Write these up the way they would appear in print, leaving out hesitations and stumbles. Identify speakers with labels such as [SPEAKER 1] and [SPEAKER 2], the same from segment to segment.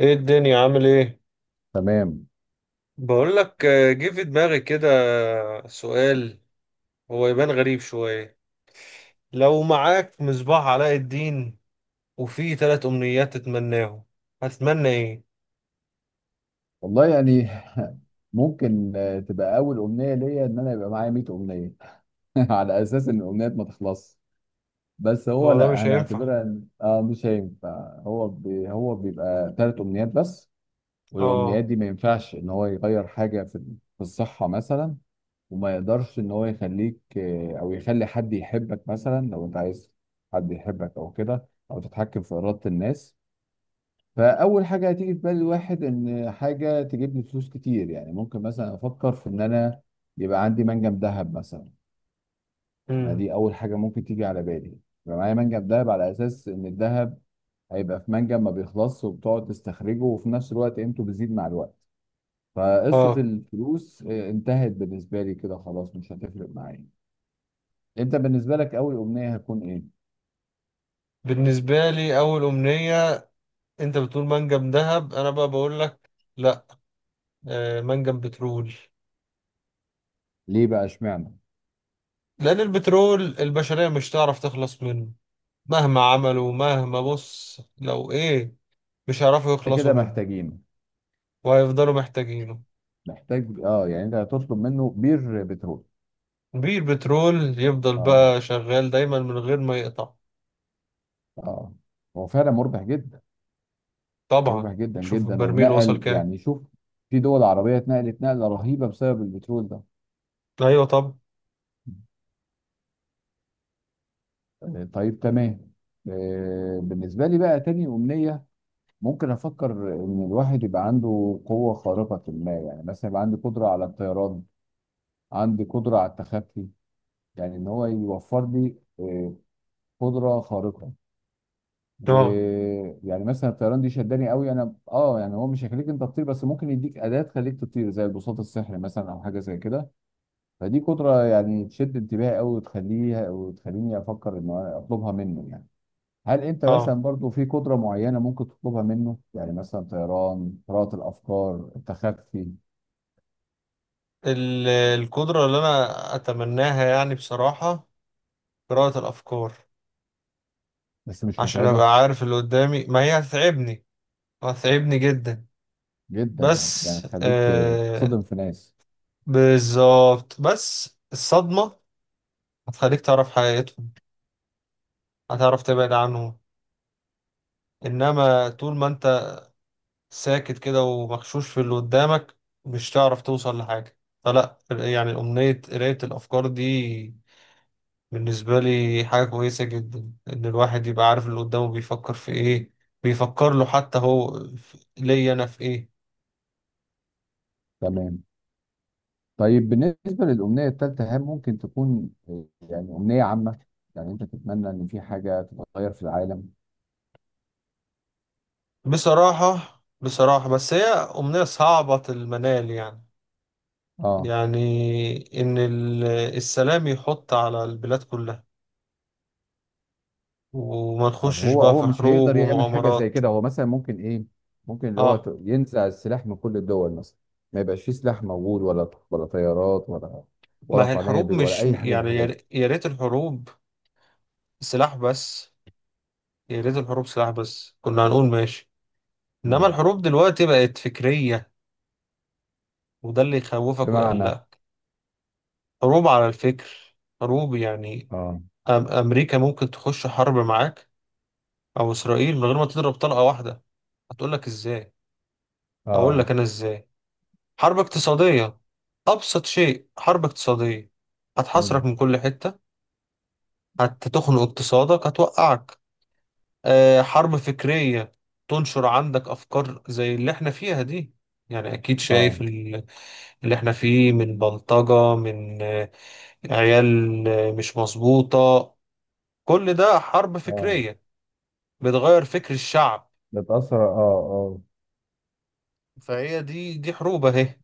[SPEAKER 1] ايه الدنيا عامل ايه؟
[SPEAKER 2] تمام.
[SPEAKER 1] بقول لك جه في دماغي كده. سؤال. هو يبان غريب شوية. لو معاك مصباح علاء الدين وفيه ثلاث امنيات تتمناهم، هتتمنى ايه؟
[SPEAKER 2] والله يعني ممكن تبقى اول امنيه ليا ان انا يبقى معايا 100 امنيه. على اساس ان الامنيات ما تخلص. بس هو
[SPEAKER 1] هو ده
[SPEAKER 2] لا،
[SPEAKER 1] مش
[SPEAKER 2] انا
[SPEAKER 1] هينفع.
[SPEAKER 2] هعتبرها مش هينفع، هو بيبقى 3 امنيات بس. والامنيات
[SPEAKER 1] اه.
[SPEAKER 2] دي ما ينفعش ان هو يغير حاجه في الصحه مثلا، وما يقدرش ان هو يخليك او يخلي حد يحبك مثلا. لو انت عايز حد يحبك او كده او تتحكم في اراده الناس. فاول حاجه هتيجي في بال الواحد ان حاجه تجيب لي فلوس كتير. يعني ممكن مثلا افكر في ان انا يبقى عندي منجم ذهب مثلا. يعني
[SPEAKER 1] امم.
[SPEAKER 2] دي اول حاجه ممكن تيجي على بالي. يبقى معايا منجم ذهب على اساس ان الذهب هيبقى في منجم ما بيخلصش وبتقعد تستخرجه، وفي نفس الوقت قيمته بتزيد مع الوقت. فقصه
[SPEAKER 1] اه.
[SPEAKER 2] الفلوس انتهت بالنسبه لي كده، خلاص مش هتفرق معايا. انت بالنسبه لك اول امنيه هتكون ايه؟
[SPEAKER 1] بالنسبة لي اول امنية، انت بتقول منجم ذهب، انا بقى بقول لك لا. منجم بترول.
[SPEAKER 2] ليه بقى اشمعنى؟
[SPEAKER 1] لان البترول البشرية مش تعرف تخلص منه. مهما عملوا، مهما بص لو ايه، مش هيعرفوا
[SPEAKER 2] انت
[SPEAKER 1] يخلصوا
[SPEAKER 2] كده
[SPEAKER 1] منه
[SPEAKER 2] محتاجين،
[SPEAKER 1] وهيفضلوا محتاجينه.
[SPEAKER 2] محتاج اه يعني. انت هتطلب منه بير بترول؟
[SPEAKER 1] بيه البترول يفضل
[SPEAKER 2] اه.
[SPEAKER 1] بقى شغال دايما من غير ما يقطع.
[SPEAKER 2] اه. هو فعلا مربح جدا.
[SPEAKER 1] طبعا.
[SPEAKER 2] مربح جدا
[SPEAKER 1] شوف
[SPEAKER 2] جدا،
[SPEAKER 1] البرميل وصل
[SPEAKER 2] ونقل
[SPEAKER 1] كام.
[SPEAKER 2] يعني شوف، في دول عربية اتنقلت نقلة رهيبة بسبب البترول ده.
[SPEAKER 1] ايوه. طب.
[SPEAKER 2] طيب تمام. بالنسبة لي بقى تاني أمنية، ممكن أفكر إن الواحد يبقى عنده قوة خارقة. ما يعني مثلا يبقى عندي قدرة على الطيران، عندي قدرة على التخفي. يعني إن هو يوفر لي قدرة خارقة.
[SPEAKER 1] اه.
[SPEAKER 2] ويعني مثلا الطيران دي شداني قوي انا اه يعني، هو مش هيخليك انت تطير بس ممكن يديك اداه تخليك تطير زي البساط السحري مثلا او حاجه زي كده. فدي قدره يعني تشد انتباهي قوي، وتخليها وتخليني افكر ان أنا اطلبها منه يعني. هل انت
[SPEAKER 1] اه.
[SPEAKER 2] مثلا برضو في قدره معينه ممكن تطلبها منه؟ يعني مثلا طيران، قراءه الافكار، التخفي.
[SPEAKER 1] القدرة اللي انا اتمناها يعني بصراحة، قراءة الافكار.
[SPEAKER 2] بس مش
[SPEAKER 1] عشان
[SPEAKER 2] متعبه؟
[SPEAKER 1] ابقى عارف اللي قدامي، ما هي هتتعبني، هتتعبني جدا.
[SPEAKER 2] جدا يعني
[SPEAKER 1] بس
[SPEAKER 2] تخليك تصدم في ناس.
[SPEAKER 1] بالظبط، بس الصدمة هتخليك تعرف حقيقتهم، هتعرف تبعد عنهم. انما طول ما انت ساكت كده ومغشوش في اللي قدامك، مش تعرف توصل لحاجة. فلا، يعني أمنية قراية الأفكار دي بالنسبة لي حاجة كويسة جدا، إن الواحد يبقى عارف اللي قدامه بيفكر في إيه، بيفكر له حتى هو ليا أنا في إيه.
[SPEAKER 2] تمام. طيب بالنسبة للأمنية الثالثة، هل ممكن تكون يعني أمنية عامة؟ يعني أنت تتمنى إن في حاجة تتغير في العالم؟
[SPEAKER 1] بصراحة بصراحة، بس هي أمنية صعبة المنال يعني.
[SPEAKER 2] آه.
[SPEAKER 1] يعني إن السلام يحط على البلاد كلها وما
[SPEAKER 2] طب
[SPEAKER 1] نخشش
[SPEAKER 2] هو
[SPEAKER 1] بقى
[SPEAKER 2] هو
[SPEAKER 1] في
[SPEAKER 2] مش
[SPEAKER 1] حروب
[SPEAKER 2] هيقدر يعمل حاجة زي
[SPEAKER 1] ومؤامرات.
[SPEAKER 2] كده؟ هو مثلا ممكن إيه؟ ممكن اللي هو
[SPEAKER 1] آه.
[SPEAKER 2] ينزع السلاح من كل الدول مثلا، ما يبقاش فيه سلاح موجود ولا طيارات ولا
[SPEAKER 1] ما هي الحروب
[SPEAKER 2] قنابل ولا
[SPEAKER 1] مش
[SPEAKER 2] أي حاجة من
[SPEAKER 1] يعني،
[SPEAKER 2] الحاجات دي.
[SPEAKER 1] يا ريت الحروب سلاح بس. يا ريت الحروب سلاح بس، كنا هنقول ماشي. انما
[SPEAKER 2] مم.
[SPEAKER 1] الحروب دلوقتي بقت فكرية، وده اللي يخوفك
[SPEAKER 2] بمعنى؟
[SPEAKER 1] ويقلقك. حروب على الفكر. حروب يعني،
[SPEAKER 2] آه
[SPEAKER 1] امريكا ممكن تخش حرب معاك، او اسرائيل، من غير ما تضرب طلقة واحدة. هتقول لك ازاي؟ اقول
[SPEAKER 2] آه.
[SPEAKER 1] لك انا ازاي. حرب اقتصادية. ابسط شيء حرب اقتصادية. هتحاصرك
[SPEAKER 2] مم.
[SPEAKER 1] من كل حتة، هتخنق اقتصادك، هتوقعك. حرب فكرية. تنشر عندك أفكار زي اللي احنا فيها دي. يعني أكيد
[SPEAKER 2] آه
[SPEAKER 1] شايف اللي احنا فيه من بلطجة، من عيال مش مظبوطة. كل ده حرب
[SPEAKER 2] آه.
[SPEAKER 1] فكرية بتغير فكر الشعب.
[SPEAKER 2] نتأثر آه آه.
[SPEAKER 1] فهي دي حروب أهي.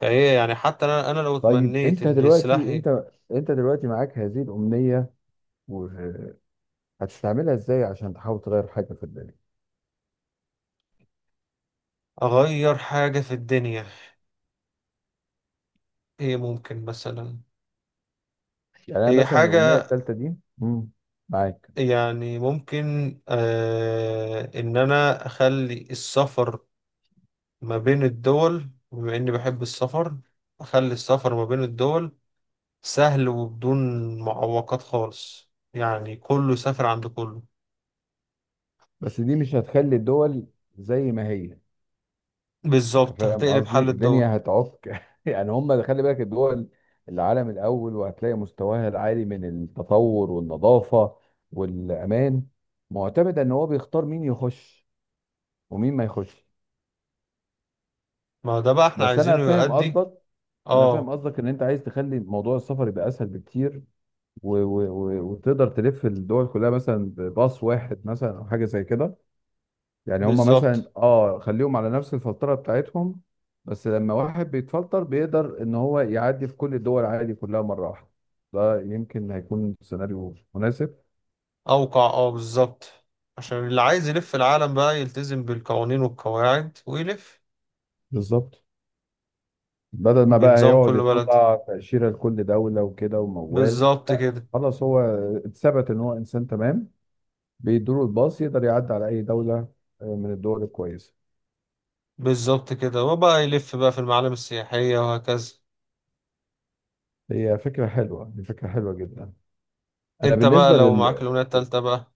[SPEAKER 1] فهي يعني حتى أنا لو
[SPEAKER 2] طيب
[SPEAKER 1] تمنيت
[SPEAKER 2] أنت
[SPEAKER 1] إن
[SPEAKER 2] دلوقتي،
[SPEAKER 1] سلاحي
[SPEAKER 2] أنت دلوقتي معاك هذه الأمنية، هتستعملها ازاي عشان تحاول تغير حاجه في الدنيا؟
[SPEAKER 1] أغير حاجة في الدنيا. هي ممكن مثلا،
[SPEAKER 2] يعني انا
[SPEAKER 1] هي
[SPEAKER 2] مثلا الامنيه
[SPEAKER 1] حاجة
[SPEAKER 2] الثالثه دي. مم. معاك.
[SPEAKER 1] يعني ممكن إن أنا أخلي السفر ما بين الدول، بما إني بحب السفر. أخلي السفر ما بين الدول سهل وبدون معوقات خالص، يعني كله سافر عند كله.
[SPEAKER 2] بس دي مش هتخلي الدول زي ما هي. انت
[SPEAKER 1] بالظبط،
[SPEAKER 2] فاهم
[SPEAKER 1] هتقلب
[SPEAKER 2] قصدي،
[SPEAKER 1] حل الدول.
[SPEAKER 2] الدنيا هتعك يعني. هم خلي بالك، الدول العالم الاول وهتلاقي مستواها العالي من التطور والنظافه والامان، معتمد ان هو بيختار مين يخش ومين ما يخش.
[SPEAKER 1] ما ده بقى احنا
[SPEAKER 2] بس انا
[SPEAKER 1] عايزينه
[SPEAKER 2] فاهم
[SPEAKER 1] يؤدي.
[SPEAKER 2] قصدك. انا فاهم
[SPEAKER 1] اه
[SPEAKER 2] قصدك ان انت عايز تخلي موضوع السفر يبقى اسهل بكتير، و و و وتقدر تلف الدول كلها مثلا بباص واحد مثلا او حاجه زي كده. يعني هم
[SPEAKER 1] بالظبط.
[SPEAKER 2] مثلا اه خليهم على نفس الفلتره بتاعتهم، بس لما واحد بيتفلتر بيقدر ان هو يعدي في كل الدول عادي كلها مره واحده. ده يمكن هيكون سيناريو مناسب.
[SPEAKER 1] أوقع بالظبط. عشان اللي عايز يلف العالم بقى يلتزم بالقوانين والقواعد ويلف
[SPEAKER 2] بالظبط. بدل ما بقى
[SPEAKER 1] بنظام
[SPEAKER 2] هيقعد
[SPEAKER 1] كل بلد.
[SPEAKER 2] يطلع تأشيرة لكل دولة وكده وموال،
[SPEAKER 1] بالظبط
[SPEAKER 2] لا
[SPEAKER 1] كده.
[SPEAKER 2] خلاص، هو اتثبت ان هو انسان تمام، بيدوله الباص يقدر يعدي على اي دولة من الدول الكويسة.
[SPEAKER 1] بالظبط كده، وبقى يلف بقى في المعالم السياحية وهكذا.
[SPEAKER 2] هي فكرة حلوة، دي فكرة حلوة جدا. انا
[SPEAKER 1] انت بقى
[SPEAKER 2] بالنسبه
[SPEAKER 1] لو معاك الأمنية التالتة بقى.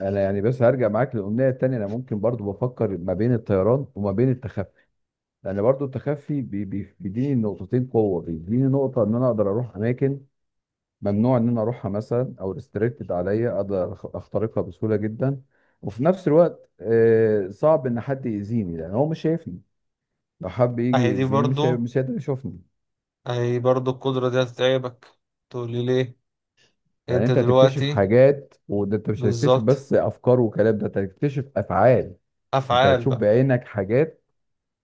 [SPEAKER 2] انا يعني، بس هرجع معاك للاغنيه التانيه. انا ممكن برضو بفكر ما بين الطيران وما بين التخفي، لان برضو التخفي بيديني نقطتين قوه، بيديني نقطه ان انا اقدر اروح اماكن ممنوع ان انا اروحها مثلا، او ريستريكتد عليا، اقدر اخترقها بسهوله جدا. وفي نفس الوقت صعب ان حد يأذيني لان هو مش شايفني. لو حب يجي
[SPEAKER 1] اهي دي
[SPEAKER 2] يأذيني
[SPEAKER 1] برضو،
[SPEAKER 2] مش هيقدر يشوفني.
[SPEAKER 1] اهي برضو القدرة دي هتتعبك. تقولي ليه؟
[SPEAKER 2] لان
[SPEAKER 1] انت
[SPEAKER 2] انت هتكتشف
[SPEAKER 1] دلوقتي.
[SPEAKER 2] حاجات، وده انت مش هتكتشف
[SPEAKER 1] بالظبط.
[SPEAKER 2] بس افكار وكلام، ده انت هتكتشف افعال. انت
[SPEAKER 1] افعال
[SPEAKER 2] هتشوف
[SPEAKER 1] بقى.
[SPEAKER 2] بعينك حاجات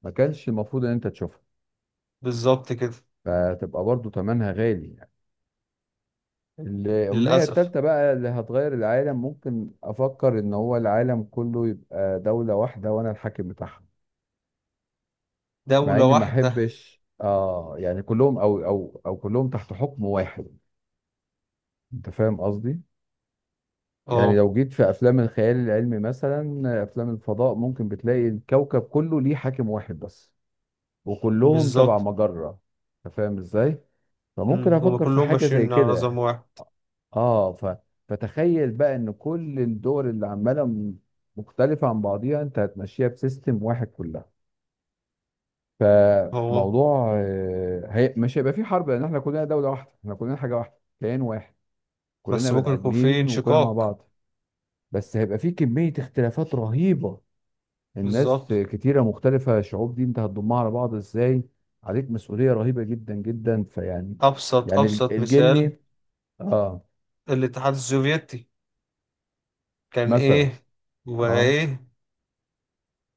[SPEAKER 2] ما كانش المفروض ان انت تشوفها.
[SPEAKER 1] بالظبط كده.
[SPEAKER 2] فتبقى برضو تمنها غالي يعني. الامنية
[SPEAKER 1] للأسف.
[SPEAKER 2] التالتة بقى اللي هتغير العالم، ممكن افكر ان هو العالم كله يبقى دولة واحدة وانا الحاكم بتاعها. مع
[SPEAKER 1] دولة
[SPEAKER 2] اني ما
[SPEAKER 1] واحدة.
[SPEAKER 2] احبش اه يعني كلهم او كلهم تحت حكم واحد. انت فاهم قصدي؟ يعني
[SPEAKER 1] اه.
[SPEAKER 2] لو جيت في افلام الخيال العلمي مثلا افلام الفضاء، ممكن بتلاقي الكوكب كله ليه حاكم واحد بس، وكلهم تبع
[SPEAKER 1] بالظبط.
[SPEAKER 2] مجرة. انت فاهم ازاي؟ فممكن
[SPEAKER 1] هما
[SPEAKER 2] افكر في
[SPEAKER 1] كلهم
[SPEAKER 2] حاجة زي
[SPEAKER 1] ماشيين على نظام
[SPEAKER 2] كده.
[SPEAKER 1] واحد.
[SPEAKER 2] اه ف... فتخيل بقى ان كل الدول اللي عمالة مختلفة عن بعضيها، انت هتمشيها بسيستم واحد كلها.
[SPEAKER 1] اهو.
[SPEAKER 2] فموضوع مش هيبقى في حرب، لان احنا كلنا دولة واحدة، احنا كلنا حاجة واحدة، كيان واحد.
[SPEAKER 1] بس
[SPEAKER 2] كلنا
[SPEAKER 1] ممكن
[SPEAKER 2] بني
[SPEAKER 1] يكون في
[SPEAKER 2] ادمين وكلنا مع
[SPEAKER 1] انشقاق.
[SPEAKER 2] بعض. بس هيبقى في كمية اختلافات رهيبة.
[SPEAKER 1] بالظبط.
[SPEAKER 2] الناس كتيرة مختلفة، شعوب دي انت هتضمها على بعض ازاي؟ عليك مسؤولية رهيبة جدا جدا فيعني.
[SPEAKER 1] ابسط
[SPEAKER 2] يعني
[SPEAKER 1] ابسط مثال،
[SPEAKER 2] الجني اه.
[SPEAKER 1] الاتحاد السوفيتي. كان
[SPEAKER 2] مثلا
[SPEAKER 1] ايه؟
[SPEAKER 2] اه
[SPEAKER 1] وايه؟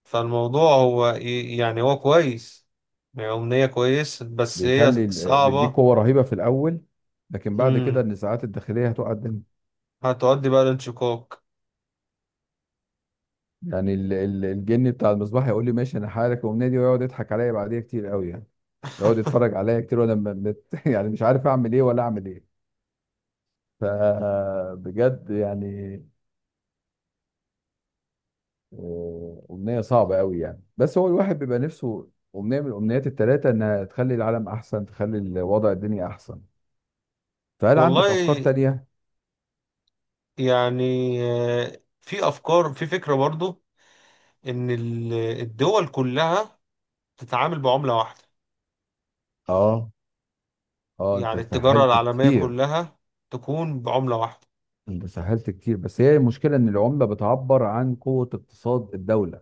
[SPEAKER 1] فالموضوع هو إيه يعني، هو كويس. يعني أمنية كويس بس هي
[SPEAKER 2] بيخلي بيديك
[SPEAKER 1] صعبة.
[SPEAKER 2] قوة رهيبة في الأول، لكن بعد كده
[SPEAKER 1] مم.
[SPEAKER 2] النزاعات الداخلية هتقع الدنيا.
[SPEAKER 1] هتؤدي بقى لانشقاق.
[SPEAKER 2] يعني الجني بتاع المصباح يقول لي ماشي، انا هحارك ومنادي، ويقعد يضحك عليا بعديها كتير قوي يعني. يقعد يتفرج عليا كتير، وانا يعني مش عارف اعمل ايه ولا اعمل ايه. فبجد يعني أمنية صعبة قوي يعني، بس هو الواحد بيبقى نفسه أمنية من الأمنيات التلاتة إنها تخلي العالم أحسن، تخلي الوضع الدنيا أحسن. فهل عندك أفكار
[SPEAKER 1] والله
[SPEAKER 2] تانية؟
[SPEAKER 1] يعني، في افكار، في فكره برضو، ان الدول كلها تتعامل بعمله واحده.
[SPEAKER 2] اه. آه أنت
[SPEAKER 1] يعني التجاره
[SPEAKER 2] سهلت
[SPEAKER 1] العالميه
[SPEAKER 2] كتير.
[SPEAKER 1] كلها تكون بعمله واحده.
[SPEAKER 2] أنت سهلت كتير، بس هي المشكلة إن العملة بتعبر عن قوة اقتصاد الدولة.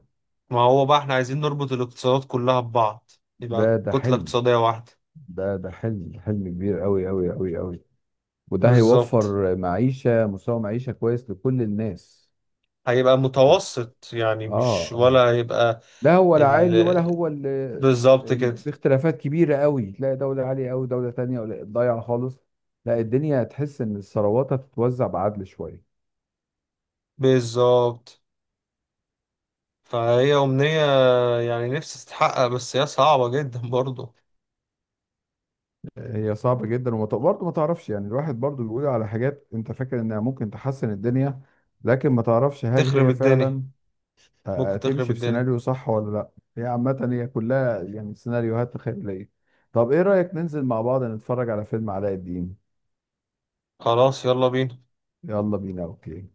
[SPEAKER 1] ما هو بقى احنا عايزين نربط الاقتصادات كلها ببعض، يبقى
[SPEAKER 2] ده
[SPEAKER 1] كتله
[SPEAKER 2] حلم.
[SPEAKER 1] اقتصاديه واحده.
[SPEAKER 2] ده حلم، حلم كبير قوي قوي قوي قوي. وده
[SPEAKER 1] بالظبط.
[SPEAKER 2] هيوفر معيشة، مستوى معيشة كويس لكل الناس.
[SPEAKER 1] هيبقى
[SPEAKER 2] آه.
[SPEAKER 1] متوسط، يعني مش
[SPEAKER 2] آه.
[SPEAKER 1] ولا هيبقى
[SPEAKER 2] لا هو لا عالي ولا
[SPEAKER 1] ال...
[SPEAKER 2] هو
[SPEAKER 1] بالظبط كده.
[SPEAKER 2] باختلافات كبيرة قوي، تلاقي دولة عالية قوي، دولة تانية ولا ضايعة خالص. لا، الدنيا تحس ان الثروات هتتوزع بعدل شوية.
[SPEAKER 1] بالظبط، فهي أمنية يعني نفسي تتحقق، بس هي صعبة جدا برضو.
[SPEAKER 2] هي صعبة جدا، وبرضه ما تعرفش يعني. الواحد برضه بيقول على حاجات انت فاكر انها ممكن تحسن الدنيا، لكن ما تعرفش هل
[SPEAKER 1] تخرب
[SPEAKER 2] هي
[SPEAKER 1] الدنيا.
[SPEAKER 2] فعلا
[SPEAKER 1] ممكن تخرب
[SPEAKER 2] هتمشي في
[SPEAKER 1] الدنيا.
[SPEAKER 2] سيناريو صح ولا لا. هي عامة، هي كلها يعني سيناريوهات خيالية. طب ايه رأيك ننزل مع بعض نتفرج على فيلم علاء الدين؟
[SPEAKER 1] خلاص يلا بينا.
[SPEAKER 2] يلا بينا. اوكي.